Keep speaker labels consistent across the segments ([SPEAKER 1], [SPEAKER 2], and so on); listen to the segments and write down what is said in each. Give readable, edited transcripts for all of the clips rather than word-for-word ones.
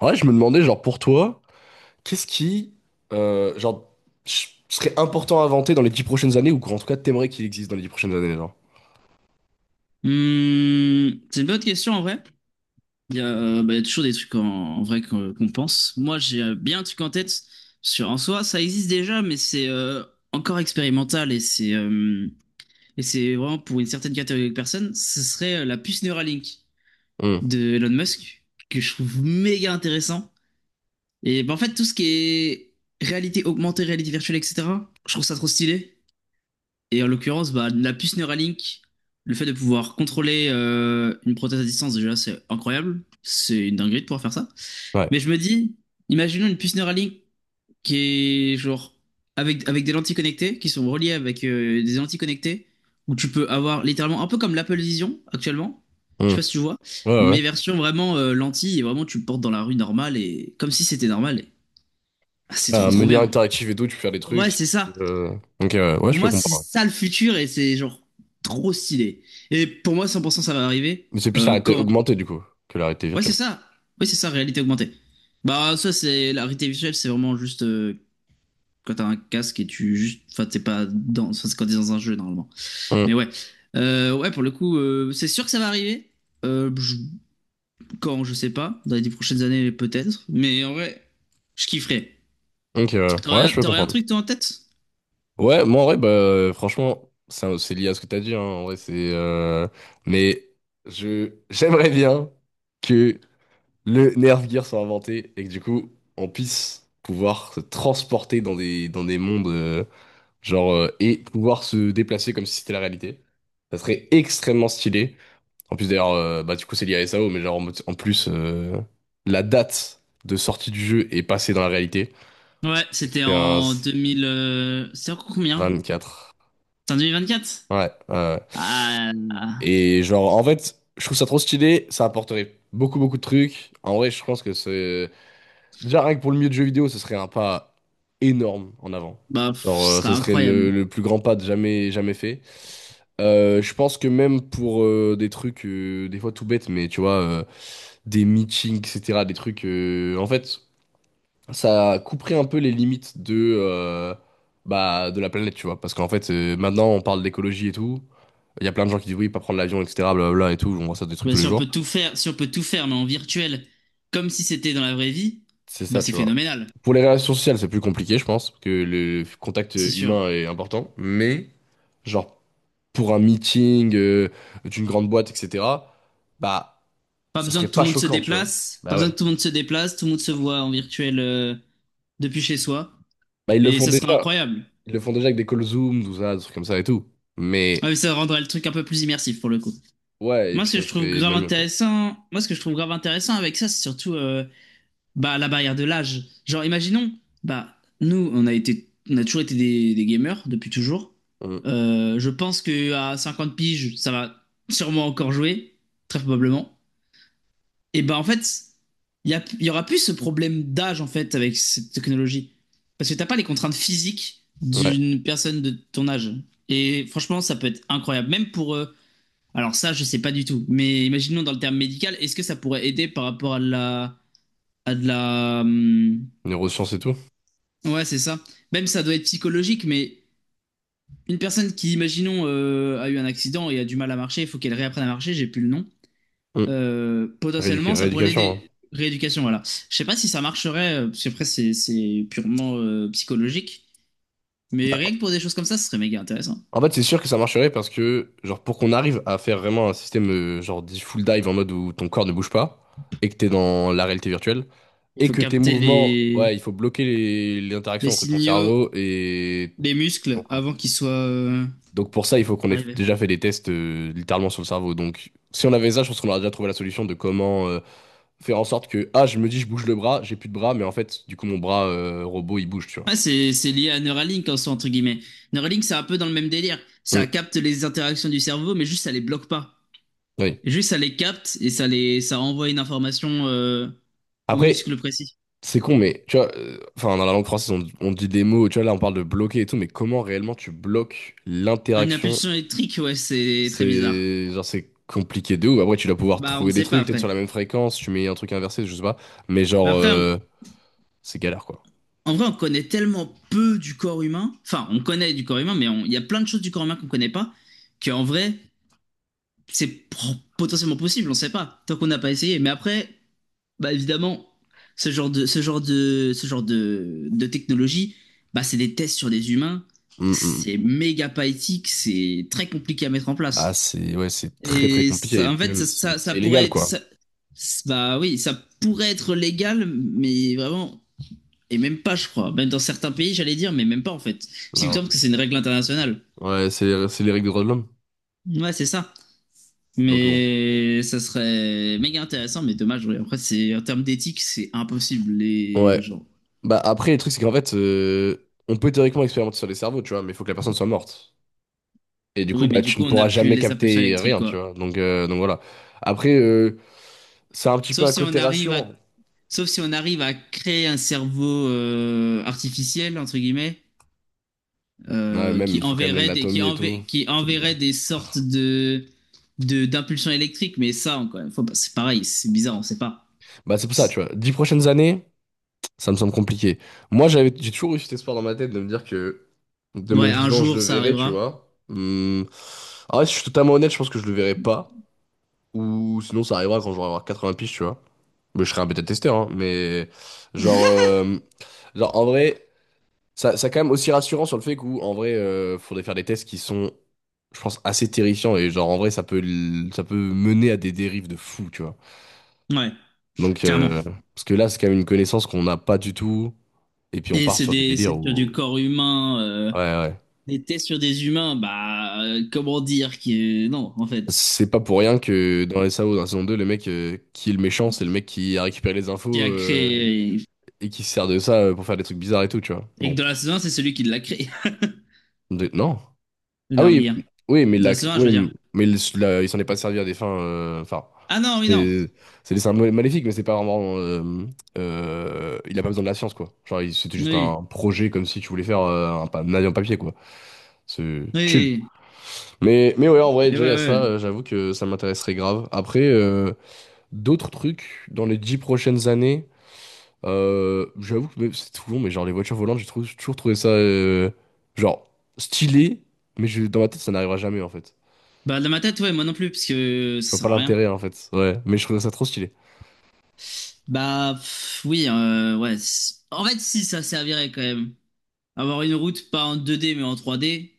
[SPEAKER 1] Ouais, je me demandais, genre, pour toi, qu'est-ce qui, genre, serait important à inventer dans les 10 prochaines années, ou qu'en tout cas, t'aimerais qu'il existe dans les 10 prochaines années, genre?
[SPEAKER 2] Hmm, c'est une bonne question en vrai. Bah, il y a toujours des trucs en vrai qu'on pense. Moi, j'ai bien un truc en tête sur en soi, ça existe déjà, mais c'est encore expérimental et c'est vraiment pour une certaine catégorie de personnes. Ce serait la puce Neuralink
[SPEAKER 1] Hmm.
[SPEAKER 2] de Elon Musk, que je trouve méga intéressant. Et bah, en fait, tout ce qui est réalité augmentée, réalité virtuelle, etc. Je trouve ça trop stylé. Et en l'occurrence, bah, la puce Neuralink, le fait de pouvoir contrôler une prothèse à distance, déjà, c'est incroyable. C'est une dinguerie de pouvoir faire ça.
[SPEAKER 1] Ouais.
[SPEAKER 2] Mais je me dis, imaginons une puce Neuralink qui est genre avec des lentilles connectées, qui sont reliées avec des lentilles connectées, où tu peux avoir littéralement un peu comme l'Apple Vision actuellement. Je
[SPEAKER 1] Hmm.
[SPEAKER 2] sais pas si tu vois,
[SPEAKER 1] Ouais, ouais.
[SPEAKER 2] mais version vraiment lentille, et vraiment tu le portes dans la rue normale et comme si c'était normal. Ah, c'est
[SPEAKER 1] Un
[SPEAKER 2] trop trop
[SPEAKER 1] menu
[SPEAKER 2] bien.
[SPEAKER 1] interactif et tout, tu peux faire des
[SPEAKER 2] Ouais,
[SPEAKER 1] trucs.
[SPEAKER 2] c'est ça.
[SPEAKER 1] euh, Ok, ouais, ouais,
[SPEAKER 2] Pour
[SPEAKER 1] je peux
[SPEAKER 2] moi, c'est
[SPEAKER 1] comprendre.
[SPEAKER 2] ça le futur et c'est genre trop stylé. Et pour moi, 100% ça va arriver,
[SPEAKER 1] Mais c'est plus la réalité
[SPEAKER 2] quand?
[SPEAKER 1] augmentée, du coup, que la réalité
[SPEAKER 2] Ouais, c'est
[SPEAKER 1] virtuelle.
[SPEAKER 2] ça. Oui, c'est ça, réalité augmentée. Bah, ça, c'est la réalité virtuelle, c'est vraiment juste quand t'as un casque et tu juste. Enfin, t'es pas dans. Enfin, c'est quand t'es dans un jeu normalement. Mais
[SPEAKER 1] Hmm.
[SPEAKER 2] ouais. Ouais, pour le coup, c'est sûr que ça va arriver. Euh, je- Quand, je sais pas. Dans les 10 prochaines années, peut-être. Mais en vrai, je kifferais.
[SPEAKER 1] Ok, ouais.
[SPEAKER 2] T'aurais
[SPEAKER 1] Ouais,
[SPEAKER 2] un
[SPEAKER 1] je peux
[SPEAKER 2] t'aurais un
[SPEAKER 1] comprendre.
[SPEAKER 2] truc, toi, en tête?
[SPEAKER 1] Ouais, moi, en vrai, bah, franchement, ça, c'est lié à ce que t'as dit, hein. En vrai, Mais j'aimerais bien que le Nerf Gear soit inventé et que du coup, on puisse pouvoir se transporter dans dans des mondes, et pouvoir se déplacer comme si c'était la réalité. Ça serait extrêmement stylé. En plus, d'ailleurs, bah, du coup, c'est lié à SAO, mais genre, en plus, la date de sortie du jeu est passée dans la réalité.
[SPEAKER 2] Ouais, c'était
[SPEAKER 1] C'était un
[SPEAKER 2] en 2000, c'était en combien?
[SPEAKER 1] 24.
[SPEAKER 2] C'était en 2024?
[SPEAKER 1] Ouais, ouais, ouais.
[SPEAKER 2] Ah,
[SPEAKER 1] Et genre, en fait, je trouve ça trop stylé, ça apporterait beaucoup, beaucoup de trucs. En vrai, je pense que déjà, rien que pour le milieu de jeu vidéo, ce serait un pas énorme en avant.
[SPEAKER 2] bah, pff,
[SPEAKER 1] Genre,
[SPEAKER 2] ce serait
[SPEAKER 1] ça serait le,
[SPEAKER 2] incroyable.
[SPEAKER 1] le plus grand pas de jamais, jamais fait. Je pense que même pour des trucs, des fois tout bêtes, mais tu vois, des meetings, etc., des trucs. En fait, ça couperait un peu les limites bah, de la planète, tu vois. Parce qu'en fait, maintenant, on parle d'écologie et tout. Il y a plein de gens qui disent oui, pas prendre l'avion, etc., blablabla et tout. On voit ça des trucs
[SPEAKER 2] Bah,
[SPEAKER 1] tous les
[SPEAKER 2] si on
[SPEAKER 1] jours.
[SPEAKER 2] peut tout faire, si on peut tout faire, mais en virtuel, comme si c'était dans la vraie vie,
[SPEAKER 1] C'est
[SPEAKER 2] bah,
[SPEAKER 1] ça,
[SPEAKER 2] c'est
[SPEAKER 1] tu vois.
[SPEAKER 2] phénoménal,
[SPEAKER 1] Pour les relations sociales, c'est plus compliqué, je pense, que le contact
[SPEAKER 2] c'est sûr.
[SPEAKER 1] humain est important. Mais, genre, pour un meeting d'une grande boîte, etc., bah,
[SPEAKER 2] Pas
[SPEAKER 1] ça
[SPEAKER 2] besoin
[SPEAKER 1] serait
[SPEAKER 2] que tout
[SPEAKER 1] pas
[SPEAKER 2] le monde se
[SPEAKER 1] choquant, tu vois.
[SPEAKER 2] déplace, pas
[SPEAKER 1] Bah
[SPEAKER 2] besoin
[SPEAKER 1] ouais.
[SPEAKER 2] que tout le monde se déplace, tout le monde se voit en virtuel, depuis chez soi.
[SPEAKER 1] Bah, ils le
[SPEAKER 2] Et
[SPEAKER 1] font
[SPEAKER 2] ça serait
[SPEAKER 1] déjà.
[SPEAKER 2] incroyable.
[SPEAKER 1] Ils le font déjà avec des calls Zoom, tout ça, des trucs comme ça et tout.
[SPEAKER 2] Ah,
[SPEAKER 1] Mais,
[SPEAKER 2] mais ça rendrait le truc un peu plus immersif pour le coup.
[SPEAKER 1] ouais, et puis ça serait bien mieux, quoi.
[SPEAKER 2] Moi, ce que je trouve grave intéressant avec ça, c'est surtout, bah, la barrière de l'âge. Genre, imaginons, bah, nous, on a toujours été des gamers depuis toujours.
[SPEAKER 1] Mm.
[SPEAKER 2] Je pense que à 50 piges, ça va sûrement encore jouer, très probablement. Et bah, en fait, il y aura plus ce problème d'âge, en fait, avec cette technologie. Parce que t'as pas les contraintes physiques
[SPEAKER 1] Ouais.
[SPEAKER 2] d'une personne de ton âge. Et franchement, ça peut être incroyable. Même pour, alors ça, je sais pas du tout. Mais imaginons dans le terme médical, est-ce que ça pourrait aider par rapport à de la, à de la.
[SPEAKER 1] Neurosciences et tout.
[SPEAKER 2] Ouais, c'est ça. Même ça doit être psychologique, mais une personne qui, imaginons, a eu un accident et a du mal à marcher, il faut qu'elle réapprenne à marcher, j'ai plus le nom.
[SPEAKER 1] Mm.
[SPEAKER 2] Potentiellement, ça pourrait
[SPEAKER 1] Rééducation,
[SPEAKER 2] l'aider. Rééducation, voilà. Je sais pas si ça marcherait, parce qu'après, c'est purement psychologique. Mais rien que
[SPEAKER 1] hein.
[SPEAKER 2] pour des choses comme ça, ce serait méga intéressant.
[SPEAKER 1] En fait, c'est sûr que ça marcherait parce que, genre, pour qu'on arrive à faire vraiment un système, genre, dit full dive en mode où ton corps ne bouge pas et que t'es dans la réalité virtuelle
[SPEAKER 2] Il
[SPEAKER 1] et
[SPEAKER 2] faut
[SPEAKER 1] que tes
[SPEAKER 2] capter
[SPEAKER 1] mouvements,
[SPEAKER 2] les,
[SPEAKER 1] ouais, il faut bloquer les interactions entre ton
[SPEAKER 2] signaux
[SPEAKER 1] cerveau et
[SPEAKER 2] des
[SPEAKER 1] ton
[SPEAKER 2] muscles
[SPEAKER 1] corps.
[SPEAKER 2] avant qu'ils soient
[SPEAKER 1] Donc, pour ça, il faut qu'on ait
[SPEAKER 2] arrivés.
[SPEAKER 1] déjà fait des tests, littéralement sur le cerveau. Donc, si on avait ça, je pense qu'on aurait déjà trouvé la solution de comment, faire en sorte que, ah, je me dis, je bouge le bras, j'ai plus de bras, mais en fait, du coup, mon bras, robot, il bouge, tu vois.
[SPEAKER 2] Ouais, c'est lié à Neuralink en soi, entre guillemets. Neuralink, c'est un peu dans le même délire. Ça
[SPEAKER 1] Mm.
[SPEAKER 2] capte les interactions du cerveau, mais juste ça les bloque pas.
[SPEAKER 1] Oui.
[SPEAKER 2] Et juste, ça les capte et ça envoie une information au
[SPEAKER 1] Après,
[SPEAKER 2] muscle précis.
[SPEAKER 1] c'est con, mais tu vois, enfin, dans la langue française, on dit des mots, tu vois, là, on parle de bloquer et tout, mais comment réellement tu bloques
[SPEAKER 2] Une
[SPEAKER 1] l'interaction?
[SPEAKER 2] impulsion électrique, ouais, c'est très bizarre.
[SPEAKER 1] C'est genre, c'est compliqué de ouf. Après, tu dois pouvoir
[SPEAKER 2] Bah, on ne
[SPEAKER 1] trouver des
[SPEAKER 2] sait pas
[SPEAKER 1] trucs, peut-être sur
[SPEAKER 2] après.
[SPEAKER 1] la même fréquence, tu mets un truc inversé, je sais pas, mais
[SPEAKER 2] Bah,
[SPEAKER 1] genre,
[SPEAKER 2] après, on-
[SPEAKER 1] c'est galère, quoi.
[SPEAKER 2] En vrai, on connaît tellement peu du corps humain. Enfin, on connaît du corps humain, mais il y a plein de choses du corps humain qu'on connaît pas, qu'en vrai, c'est potentiellement possible, on sait pas, tant qu'on n'a pas essayé. Mais après, bah, évidemment, ce genre de technologie, bah, c'est des tests sur des humains.
[SPEAKER 1] Hum, hum.
[SPEAKER 2] C'est méga pas éthique, c'est très compliqué à mettre en
[SPEAKER 1] Ah,
[SPEAKER 2] place.
[SPEAKER 1] c'est, ouais, c'est très très compliqué, et
[SPEAKER 2] En
[SPEAKER 1] puis
[SPEAKER 2] fait,
[SPEAKER 1] même,
[SPEAKER 2] ça,
[SPEAKER 1] c'est
[SPEAKER 2] ça, ça
[SPEAKER 1] c'est
[SPEAKER 2] pourrait
[SPEAKER 1] illégal,
[SPEAKER 2] être,
[SPEAKER 1] quoi.
[SPEAKER 2] ça- c'est- bah oui, ça pourrait être légal, mais vraiment, et même pas, je crois. Même dans certains pays, j'allais dire, mais même pas en fait. Parce qu'il me
[SPEAKER 1] Non.
[SPEAKER 2] semble que c'est une règle internationale.
[SPEAKER 1] Ouais, c'est les règles des droits de l'homme,
[SPEAKER 2] Ouais, c'est ça.
[SPEAKER 1] donc bon.
[SPEAKER 2] Mais ça serait méga intéressant, mais dommage. Ouais. Après, c'est en termes d'éthique, c'est impossible les
[SPEAKER 1] Ouais.
[SPEAKER 2] gens.
[SPEAKER 1] Bah, après, le truc, c'est qu'en fait, on peut théoriquement expérimenter sur les cerveaux, tu vois, mais il faut que la personne soit morte. Et du coup,
[SPEAKER 2] Oui, mais
[SPEAKER 1] bah,
[SPEAKER 2] du
[SPEAKER 1] tu ne
[SPEAKER 2] coup, on a
[SPEAKER 1] pourras
[SPEAKER 2] plus
[SPEAKER 1] jamais
[SPEAKER 2] les impulsions
[SPEAKER 1] capter
[SPEAKER 2] électriques,
[SPEAKER 1] rien, tu
[SPEAKER 2] quoi.
[SPEAKER 1] vois. Donc, voilà. Après, c'est un petit peu
[SPEAKER 2] Sauf
[SPEAKER 1] un
[SPEAKER 2] si on
[SPEAKER 1] côté
[SPEAKER 2] arrive à,
[SPEAKER 1] rassurant.
[SPEAKER 2] sauf si on arrive à créer un cerveau artificiel entre guillemets,
[SPEAKER 1] Ouais, même,
[SPEAKER 2] qui
[SPEAKER 1] il faut quand même
[SPEAKER 2] enverrait des qui,
[SPEAKER 1] l'anatomie et tout.
[SPEAKER 2] enver- qui
[SPEAKER 1] C'est
[SPEAKER 2] enverrait
[SPEAKER 1] bizarre.
[SPEAKER 2] des sortes de d'impulsions électriques. Mais ça, encore une fois, bah, c'est pareil, c'est bizarre, on sait pas.
[SPEAKER 1] Bah, c'est pour ça, tu vois. 10 prochaines années, ça me semble compliqué. Moi, j'ai toujours eu cet espoir dans ma tête de me dire que de
[SPEAKER 2] Ouais,
[SPEAKER 1] mon
[SPEAKER 2] un
[SPEAKER 1] vivant, je
[SPEAKER 2] jour
[SPEAKER 1] le
[SPEAKER 2] ça
[SPEAKER 1] verrai, tu
[SPEAKER 2] arrivera.
[SPEAKER 1] vois. Hum. En vrai, si je suis totalement honnête, je pense que je le verrai pas. Ou sinon, ça arrivera quand j'aurai 80 piges, tu vois. Mais je serai un bêta-testeur, hein. Mais genre, genre, en vrai. Ça quand même aussi rassurant sur le fait qu'en en vrai, faudrait faire des tests qui sont, je pense, assez terrifiants et genre en vrai, ça peut mener à des dérives de fou, tu vois.
[SPEAKER 2] Ouais,
[SPEAKER 1] Donc,
[SPEAKER 2] clairement.
[SPEAKER 1] parce que là, c'est quand même une connaissance qu'on n'a pas du tout et puis on
[SPEAKER 2] Et
[SPEAKER 1] part
[SPEAKER 2] c'est
[SPEAKER 1] sur des
[SPEAKER 2] des
[SPEAKER 1] délires
[SPEAKER 2] c'est sur du
[SPEAKER 1] où.
[SPEAKER 2] corps humain,
[SPEAKER 1] Ouais, ouais, ouais.
[SPEAKER 2] des tests sur des humains, bah, comment dire, qui non en fait.
[SPEAKER 1] C'est pas pour rien que dans les SAO, dans la saison 2 le mec qui est le méchant, c'est le mec qui a récupéré les infos
[SPEAKER 2] Qui a créé,
[SPEAKER 1] et qui se sert de ça pour faire des trucs bizarres et tout, tu vois.
[SPEAKER 2] et que
[SPEAKER 1] Bon.
[SPEAKER 2] dans la saison 1, c'est celui qui l'a créé
[SPEAKER 1] Non.
[SPEAKER 2] le
[SPEAKER 1] Ah oui,
[SPEAKER 2] Norguien.
[SPEAKER 1] oui, mais,
[SPEAKER 2] Dans la saison 1, je veux
[SPEAKER 1] oui,
[SPEAKER 2] dire.
[SPEAKER 1] mais il s'en est pas servi à des fins. Enfin,
[SPEAKER 2] Ah non, oui, non.
[SPEAKER 1] c'est c'est des symboles maléfiques, mais c'est pas vraiment. Il a pas besoin de la science, quoi. Genre, c'était juste
[SPEAKER 2] Oui,
[SPEAKER 1] un projet comme si tu voulais faire un avion papier, quoi. C'est chill.
[SPEAKER 2] oui,
[SPEAKER 1] Mais ouais, en vrai,
[SPEAKER 2] mais ouais.
[SPEAKER 1] déjà, à ça,
[SPEAKER 2] Ouais,
[SPEAKER 1] j'avoue que ça m'intéresserait grave. Après, d'autres trucs dans les 10 prochaines années, j'avoue que mais c'est tout long, mais genre les voitures volantes, toujours trouvé ça genre stylé, mais je, dans ma tête, ça n'arrivera jamais, en fait.
[SPEAKER 2] bah, dans ma tête, ouais, moi non plus, parce que
[SPEAKER 1] Je
[SPEAKER 2] ça
[SPEAKER 1] vois pas
[SPEAKER 2] sert à rien.
[SPEAKER 1] l'intérêt en fait. Ouais. Mais je trouvais ça trop stylé.
[SPEAKER 2] Bah, pff, oui, ouais. En fait, si, ça servirait quand même. Avoir une route pas en 2D mais en 3D,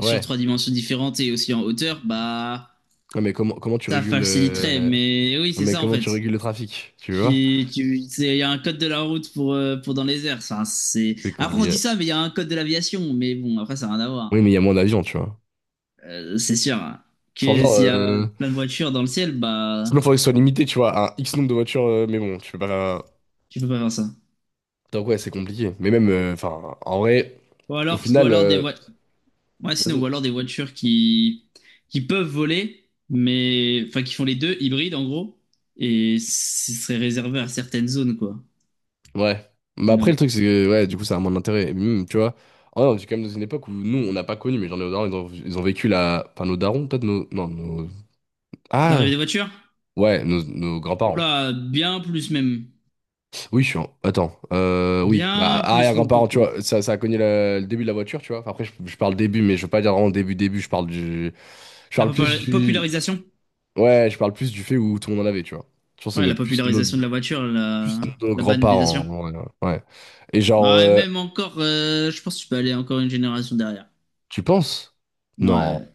[SPEAKER 2] sur trois dimensions différentes et aussi en hauteur, bah
[SPEAKER 1] Non, mais comment tu
[SPEAKER 2] ça
[SPEAKER 1] régules
[SPEAKER 2] faciliterait. Mais oui,
[SPEAKER 1] non,
[SPEAKER 2] c'est
[SPEAKER 1] mais
[SPEAKER 2] ça en
[SPEAKER 1] comment
[SPEAKER 2] fait.
[SPEAKER 1] tu régules le trafic, tu vois?
[SPEAKER 2] Il y a un code de la route pour dans les airs.
[SPEAKER 1] C'est
[SPEAKER 2] Après, on
[SPEAKER 1] compliqué.
[SPEAKER 2] dit ça, mais il y a un code de l'aviation. Mais bon, après, ça n'a rien à
[SPEAKER 1] Oui,
[SPEAKER 2] voir.
[SPEAKER 1] mais il y a moins d'avions, tu vois.
[SPEAKER 2] C'est sûr, hein,
[SPEAKER 1] Sans
[SPEAKER 2] que
[SPEAKER 1] genre
[SPEAKER 2] s'il y a
[SPEAKER 1] euh...
[SPEAKER 2] plein de voitures dans le ciel, bah
[SPEAKER 1] Sinon faudrait que ce soit limité, tu vois, à un X nombre de voitures, mais bon, tu peux pas.
[SPEAKER 2] tu peux pas faire ça.
[SPEAKER 1] Donc ouais, c'est compliqué. Mais même enfin en vrai, au
[SPEAKER 2] Ou
[SPEAKER 1] final
[SPEAKER 2] alors des voitures. Ouais, sinon,
[SPEAKER 1] vas-y.
[SPEAKER 2] ou alors des voitures qui peuvent voler, mais enfin qui font les deux, hybrides en gros, et ce serait réservé à certaines zones, quoi,
[SPEAKER 1] Ouais. Mais
[SPEAKER 2] du
[SPEAKER 1] après le
[SPEAKER 2] nom.
[SPEAKER 1] truc c'est que ouais, du coup ça a moins d'intérêt. Et même, tu vois. Oh non, c'est quand même dans une époque où nous on n'a pas connu, mais genre nos darons ils ont vécu la enfin nos darons peut-être nos non nos
[SPEAKER 2] De
[SPEAKER 1] ah
[SPEAKER 2] l'arrivée des voitures?
[SPEAKER 1] ouais, nos
[SPEAKER 2] Oh
[SPEAKER 1] grands-parents.
[SPEAKER 2] là, bien plus même.
[SPEAKER 1] Oui, je suis attends, oui, bah,
[SPEAKER 2] Bien plus, mon
[SPEAKER 1] arrière-grand-parent, tu
[SPEAKER 2] coco.
[SPEAKER 1] vois, ça a cogné le début de la voiture, tu vois. Enfin, après, je parle début, mais je veux pas dire vraiment début, début, je parle du. Je
[SPEAKER 2] La
[SPEAKER 1] parle plus
[SPEAKER 2] popu-
[SPEAKER 1] du.
[SPEAKER 2] popularisation?
[SPEAKER 1] Ouais, je parle plus du fait où tout le monde en avait, tu vois. Je pense que
[SPEAKER 2] Ouais,
[SPEAKER 1] c'est
[SPEAKER 2] la
[SPEAKER 1] plus nos,
[SPEAKER 2] popularisation de la voiture, la,
[SPEAKER 1] plus nos
[SPEAKER 2] la
[SPEAKER 1] grands-parents,
[SPEAKER 2] banalisation.
[SPEAKER 1] en vrai, ouais. Et genre,
[SPEAKER 2] Ouais, même encore, je pense que tu peux aller encore une génération derrière.
[SPEAKER 1] tu penses? Non.
[SPEAKER 2] Ouais,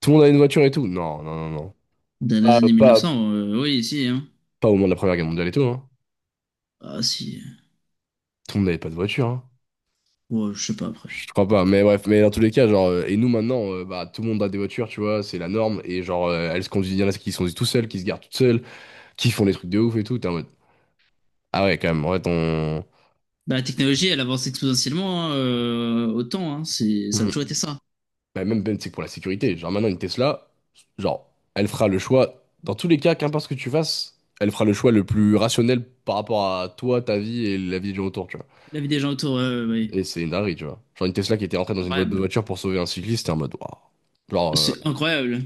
[SPEAKER 1] Tout le monde avait une voiture et tout? Non, non, non, non.
[SPEAKER 2] dans les
[SPEAKER 1] Pas,
[SPEAKER 2] années
[SPEAKER 1] pas,
[SPEAKER 2] 1900, oui, si, hein.
[SPEAKER 1] pas au moment de la Première Guerre mondiale et tout, hein.
[SPEAKER 2] Ah, si.
[SPEAKER 1] Tout le monde n'avait pas de voiture, hein.
[SPEAKER 2] Ouais, je sais pas, après.
[SPEAKER 1] Je crois pas, mais bref, mais dans tous les cas, genre, et nous maintenant, bah, tout le monde a des voitures, tu vois, c'est la norme, et genre, elles se conduisent, il y en a qui se conduisent tout seules, qui se garent toutes seules, qui font des trucs de ouf et tout, t'es en mode, ah ouais, quand même, en fait,
[SPEAKER 2] Bah, la technologie, elle avance exponentiellement, hein, autant. Hein, ça a toujours
[SPEAKER 1] on-
[SPEAKER 2] été ça.
[SPEAKER 1] Bah, même, même, c'est que pour la sécurité, genre, maintenant, une Tesla, genre, elle fera le choix, dans tous les cas, qu'importe ce que tu fasses, elle fera le choix le plus rationnel par rapport à toi, ta vie et la vie des gens autour, tu vois.
[SPEAKER 2] La vie des gens autour, oui.
[SPEAKER 1] Et c'est une dinguerie, tu vois. Genre, une Tesla qui était rentrée dans une boîte de
[SPEAKER 2] Incroyable.
[SPEAKER 1] voiture pour sauver un cycliste, t'es en mode, waouh. Genre,
[SPEAKER 2] C'est incroyable.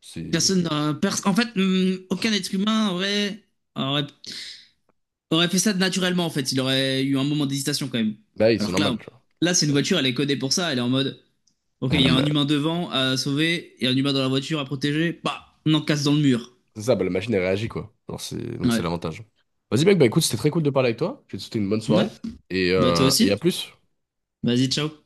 [SPEAKER 1] c'est.
[SPEAKER 2] Personne n'a- pers- En fait, aucun être humain aurait, aurait, fait ça naturellement, en fait. Il aurait eu un moment d'hésitation quand même.
[SPEAKER 1] Bah oui, c'est
[SPEAKER 2] Alors que là,
[SPEAKER 1] normal, tu
[SPEAKER 2] c'est une voiture, elle est codée pour ça. Elle est en mode, OK, il y a un
[SPEAKER 1] vois.
[SPEAKER 2] humain devant à sauver et un humain dans la voiture à protéger. Bah, on en casse dans le mur.
[SPEAKER 1] C'est ça, bah, la machine, elle réagit, quoi. Alors, c'est. Donc, c'est
[SPEAKER 2] Ouais.
[SPEAKER 1] l'avantage. Vas-y, mec, bah écoute, c'était très cool de parler avec toi. Je vais te souhaiter une bonne
[SPEAKER 2] Ouais.
[SPEAKER 1] soirée. Et,
[SPEAKER 2] Bah, toi
[SPEAKER 1] euh, et à
[SPEAKER 2] aussi.
[SPEAKER 1] plus.
[SPEAKER 2] Vas-y, ciao.